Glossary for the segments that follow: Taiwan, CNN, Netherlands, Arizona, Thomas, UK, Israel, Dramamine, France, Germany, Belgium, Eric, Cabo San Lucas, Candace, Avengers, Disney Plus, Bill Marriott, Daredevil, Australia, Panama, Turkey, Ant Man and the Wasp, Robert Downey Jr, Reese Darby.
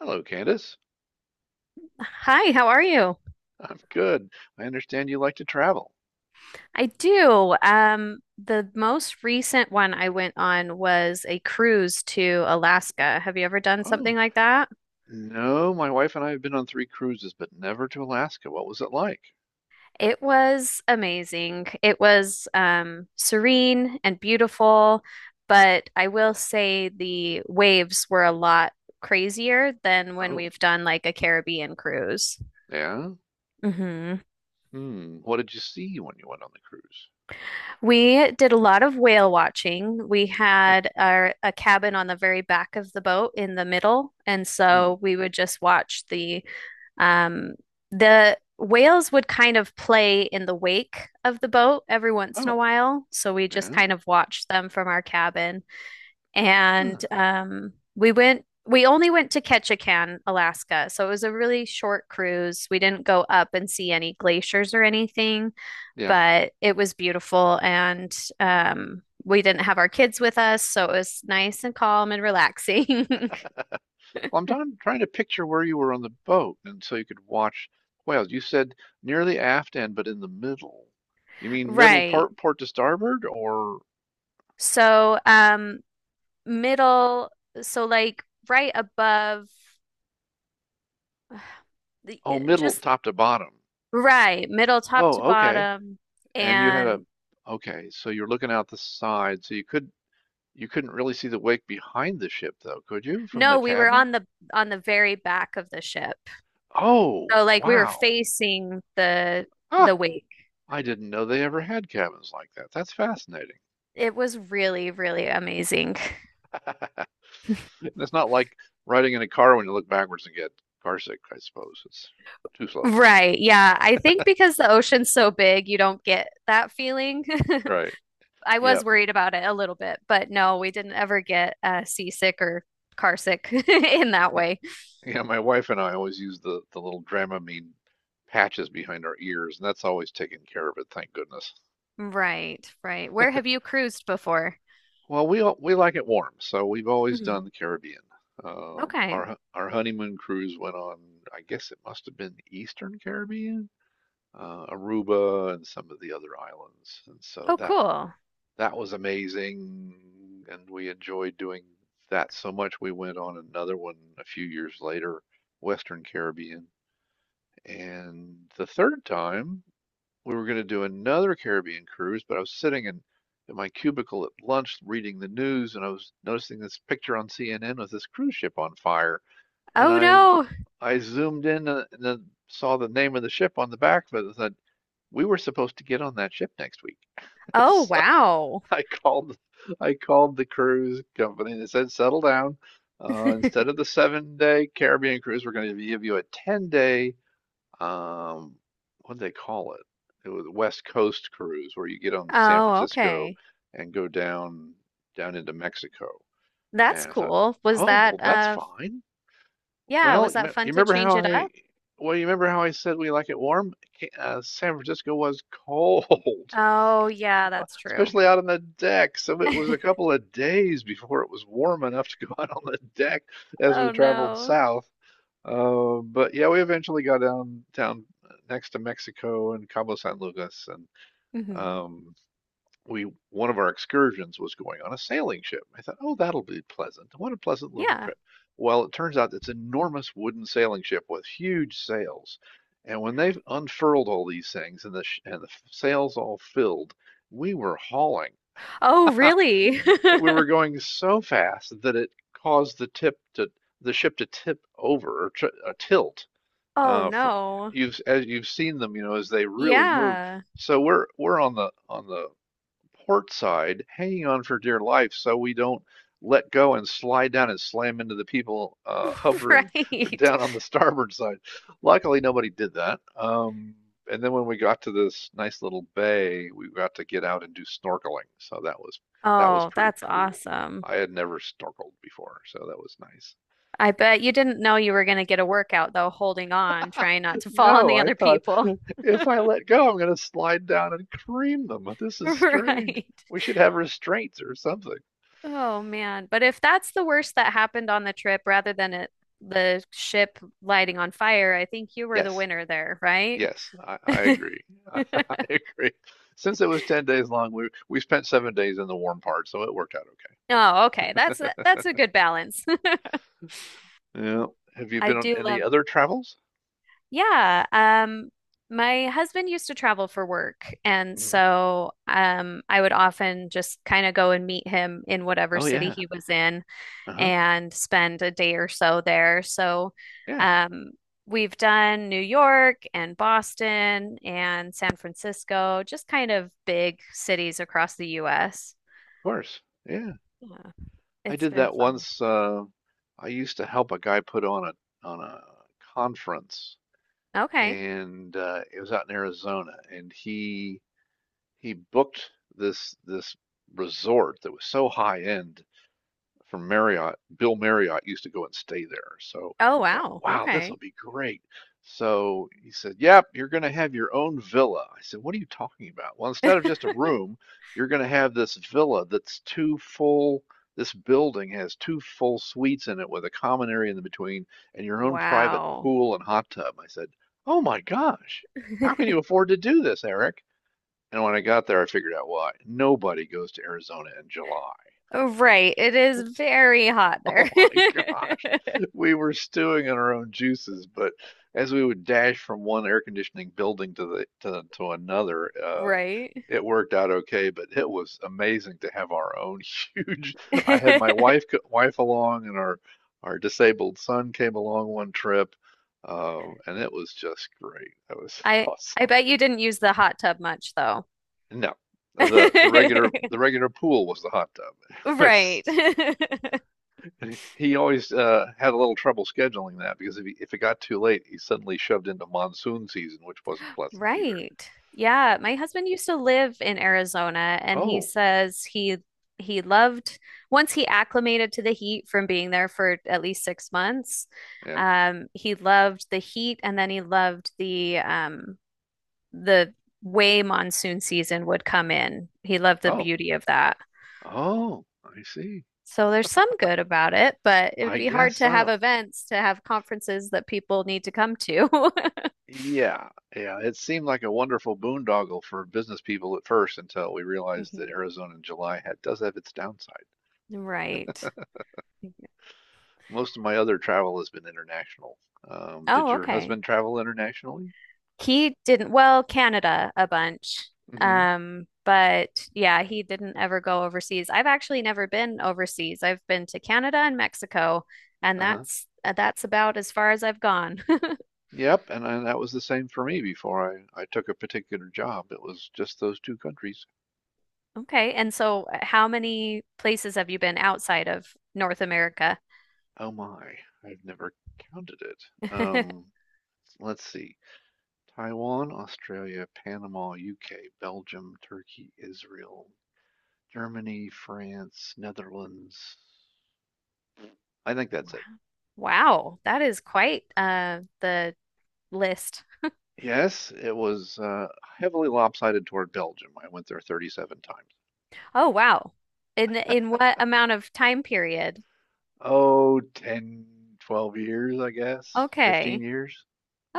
Hello, Candace. Hi, how are you? I'm good. I understand you like to travel. I do. The most recent one I went on was a cruise to Alaska. Have you ever done something Oh, like that? no, my wife and I have been on three cruises, but never to Alaska. What was it like? It was amazing. It was serene and beautiful, but I will say the waves were a lot crazier than when Oh, we've done like a Caribbean cruise. yeah. hmm Hmm. What did you see when you went on the cruise? We did a lot of whale watching. We had a cabin on the very back of the boat in the middle, and Hmm. so we would just watch um, the whales would kind of play in the wake of the boat every once in a Oh, while. So we just yeah. kind of watched them from our cabin, Hmm. and we went. We only went to Ketchikan, Alaska, so it was a really short cruise. We didn't go up and see any glaciers or anything, Yeah. but it was beautiful and we didn't have our kids with us, so it was nice and calm and relaxing. Well, I'm trying to picture where you were on the boat, and so you could watch whales. You said near the aft end, but in the middle. You mean middle Right. port, port to starboard, or So um Middle, so like right above oh, middle, just top to bottom? right, middle top to Oh, okay. bottom. And you had a, And okay, so you're looking out the side, so you could you couldn't really see the wake behind the ship though, could you, from no, the we were cabin? on the very back of the ship. Oh, So like we were wow. facing the Ah, wake. I didn't know they ever had cabins like that. That's fascinating. It was really, really amazing. It's not like riding in a car when you look backwards and get carsick, I suppose. It's too slow. Right. Yeah. I think because the ocean's so big, you don't get that feeling. Right. I was Yep. worried about it a little bit, but no, we didn't ever get seasick or car sick in that Yeah. way. Yeah, my wife and I always use the little Dramamine patches behind our ears, and that's always taken care of it, thank goodness. Right. Right. Where have you cruised before? Well, we all, we like it warm, so we've always done Mhm. the Caribbean. Okay. Our our honeymoon cruise went on, I guess it must have been the Eastern Caribbean, Aruba and some of the other islands. And so Oh, that cool. that was amazing, and we enjoyed doing that so much. We went on another one a few years later, Western Caribbean. And the third time we were going to do another Caribbean cruise, but I was in my cubicle at lunch reading the news and I was noticing this picture on CNN with this cruise ship on fire. And Oh, I, no. I zoomed in and then saw the name of the ship on the back of it and said, we were supposed to get on that ship next week. Oh, So wow. I called, I called the cruise company and said, settle down. Instead of the 7 day Caribbean cruise, we're going to give you a 10 day um what do they call it? It was West Coast cruise where you get on San Oh, Francisco okay. and go down down into Mexico. That's And I thought, cool. Oh, well, that's fine. Yeah, Well, was you, me that fun you to remember change how it I up? well, you remember how I said we like it warm? San Francisco was cold, Oh, yeah, that's true. especially out on the deck. So it was a couple of days before it was warm enough to go out on the deck as we Oh, traveled no. south. But yeah, we eventually got down down next to Mexico and Cabo San Lucas, and hmm um, we one of our excursions was going on a sailing ship. I thought, oh, that'll be pleasant. What a pleasant little Yeah. trip. Well, it turns out it's an enormous wooden sailing ship with huge sails, and when they've unfurled all these things and the sh and the sails all filled, we were hauling. Oh, really? We were going so fast that it caused the ship to tip over or tr tilt Oh, from no. you've as you've seen them, you know, as they really move. Yeah. So we're on the port side, hanging on for dear life, so we don't let go and slide down and slam into the people hovering Right. down on the starboard side. Luckily, nobody did that. And then when we got to this nice little bay, we got to get out and do snorkeling. So that was Oh, pretty that's cool. awesome. I had never snorkeled before, so that was nice. I bet you didn't know you were going to get a workout, though, holding on, trying not to fall on No, the I other thought people. if I let go, I'm going to slide down and cream them. This is strange. Right. We should have restraints or something. Oh, man. But if that's the worst that happened on the trip, rather than the ship lighting on fire, I think you were the Yes, winner there, right? yes, I agree. I, agree. Since it was 10 days long, we spent 7 days in the warm part, so it worked out Oh, okay. That's that's a good balance. okay. Yeah. Have you I been on do any love. other travels? Yeah, my husband used to travel for work, and Hmm. so I would often just kind of go and meet him in whatever Oh, city yeah. he was in Uh-huh. and spend a day or so there. So Yeah, of um, we've done New York and Boston and San Francisco, just kind of big cities across the US. course. Yeah. Yeah, I it's did been that fun. once. I used to help a guy put on a conference Okay. and it was out in Arizona, and he booked this resort that was so high end from Marriott, Bill Marriott used to go and stay there. So Oh, I thought, wow. wow, this will Okay. be great. So he said, yep, you're going to have your own villa. I said, what are you talking about? Well, instead of just a room, you're going to have this villa that's this building has two full suites in it with a common area in the between and your own private Wow. pool and hot tub. I said, oh my gosh, how can you afford to do this, Eric? And when I got there, I figured out why. Nobody goes to Arizona in July. Oh, right. It is It's very hot Oh there. my gosh. We were stewing in our own juices, but as we would dash from one air conditioning building to to another, Right. it worked out okay, but it was amazing to have our own huge. I had I my wife wife along and our disabled son came along one trip, and it was just great. That was I awesome. bet you didn't use the hot tub much though. No, the regular pool was the hot tub. It was Right. he always had a little trouble scheduling that because if it got too late, he suddenly shoved into monsoon season, which wasn't pleasant either. Right. Yeah, my husband used to live in Arizona and he Oh, says he loved, once he acclimated to the heat from being there for at least 6 months. yeah. He loved the heat and then he loved the way monsoon season would come in. He loved the Oh, beauty of that. oh, I see. So there's some good about it, but it would I be guess hard to have so. events, to have conferences that people need to come to. Yeah, yeah. It seemed like a wonderful boondoggle for business people at first until we realized that Mhm. Arizona in July does have its downside. Right. Most of my other travel has been international. Did Oh, your okay. husband travel internationally? He didn't, well, Canada a bunch. Mm-hmm. But yeah, he didn't ever go overseas. I've actually never been overseas. I've been to Canada and Mexico, and Uh-huh. That's about as far as I've gone. Yep, and that was the same for me before I took a particular job. It was just those two countries. Okay. And so, how many places have you been outside of North America? Oh my, I've never counted it. Um, let's see. Taiwan, Australia, Panama, UK, Belgium, Turkey, Israel, Germany, France, Netherlands. I think that's Wow. it. Wow, that is quite the list. Yes, it was heavily lopsided toward Belgium. I went there 37 Oh, wow. Times. In what amount of time period? Oh, 10, 12 years, I guess. 15 Okay. years.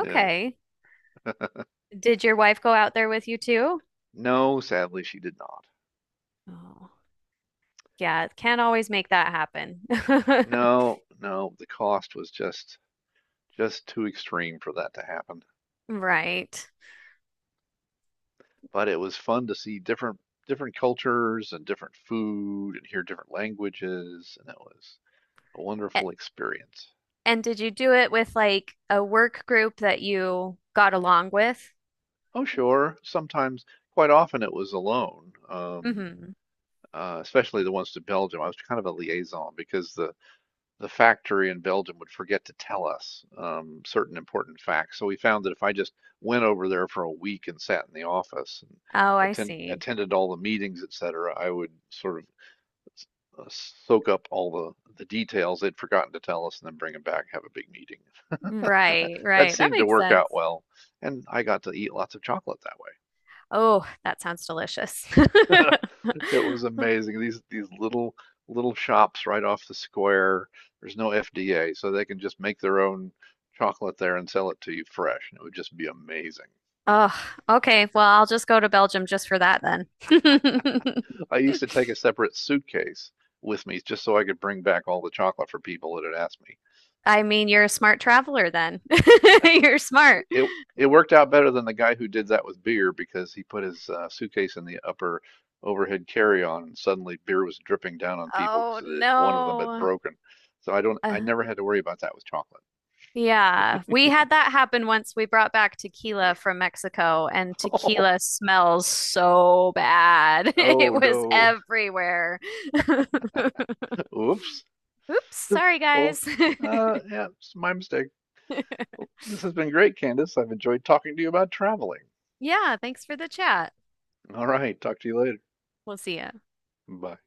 Yeah. Did your wife go out there with you too? No, sadly, she did not. Oh, yeah, can't always make that happen. No, no, the cost was just too extreme for that to happen. Right. But it was fun to see different cultures and different food and hear different languages, and it was a A- wonderful experience. And did you do it with like a work group that you got along with? Oh, sure, sometimes, quite often, it was alone, hmm especially the ones to Belgium. I was kind of a liaison because the factory in Belgium would forget to tell us certain important facts. So we found that if I just went over there for a week and sat in the office and Oh, I see. attended all the meetings, et cetera, I would sort of uh, soak up all the details they'd forgotten to tell us and then bring them back, and have a big meeting. Right, That right. That seemed to makes work sense. out well. And I got to eat lots of chocolate that way. Oh, that sounds delicious. It was amazing. These little little shops right off the square. There's no FDA, so they can just make their own chocolate there and sell it to you fresh, and it would just be amazing. Oh, okay. Well, I'll just go to Belgium just for that then. I used to take a separate suitcase with me just so I could bring back all the chocolate for people that had asked me. I mean, you're a smart traveler then. You're It smart. it, it worked out better than the guy who did that with beer because he put his suitcase in the upper overhead carry-on, and suddenly beer was dripping down on people because Oh, one of them had no. broken. So I Uh, never had to worry about that with chocolate. yeah, we had that happen once. We brought back tequila from Mexico, and Oh, tequila smells so bad. It oh was no. everywhere. Oops. Oops, sorry, Well, guys. Yeah, it's my mistake. Well, this has been great, Candace. I've enjoyed talking to you about traveling. Yeah, thanks for the chat. All right, talk to you later. We'll see ya. Bye.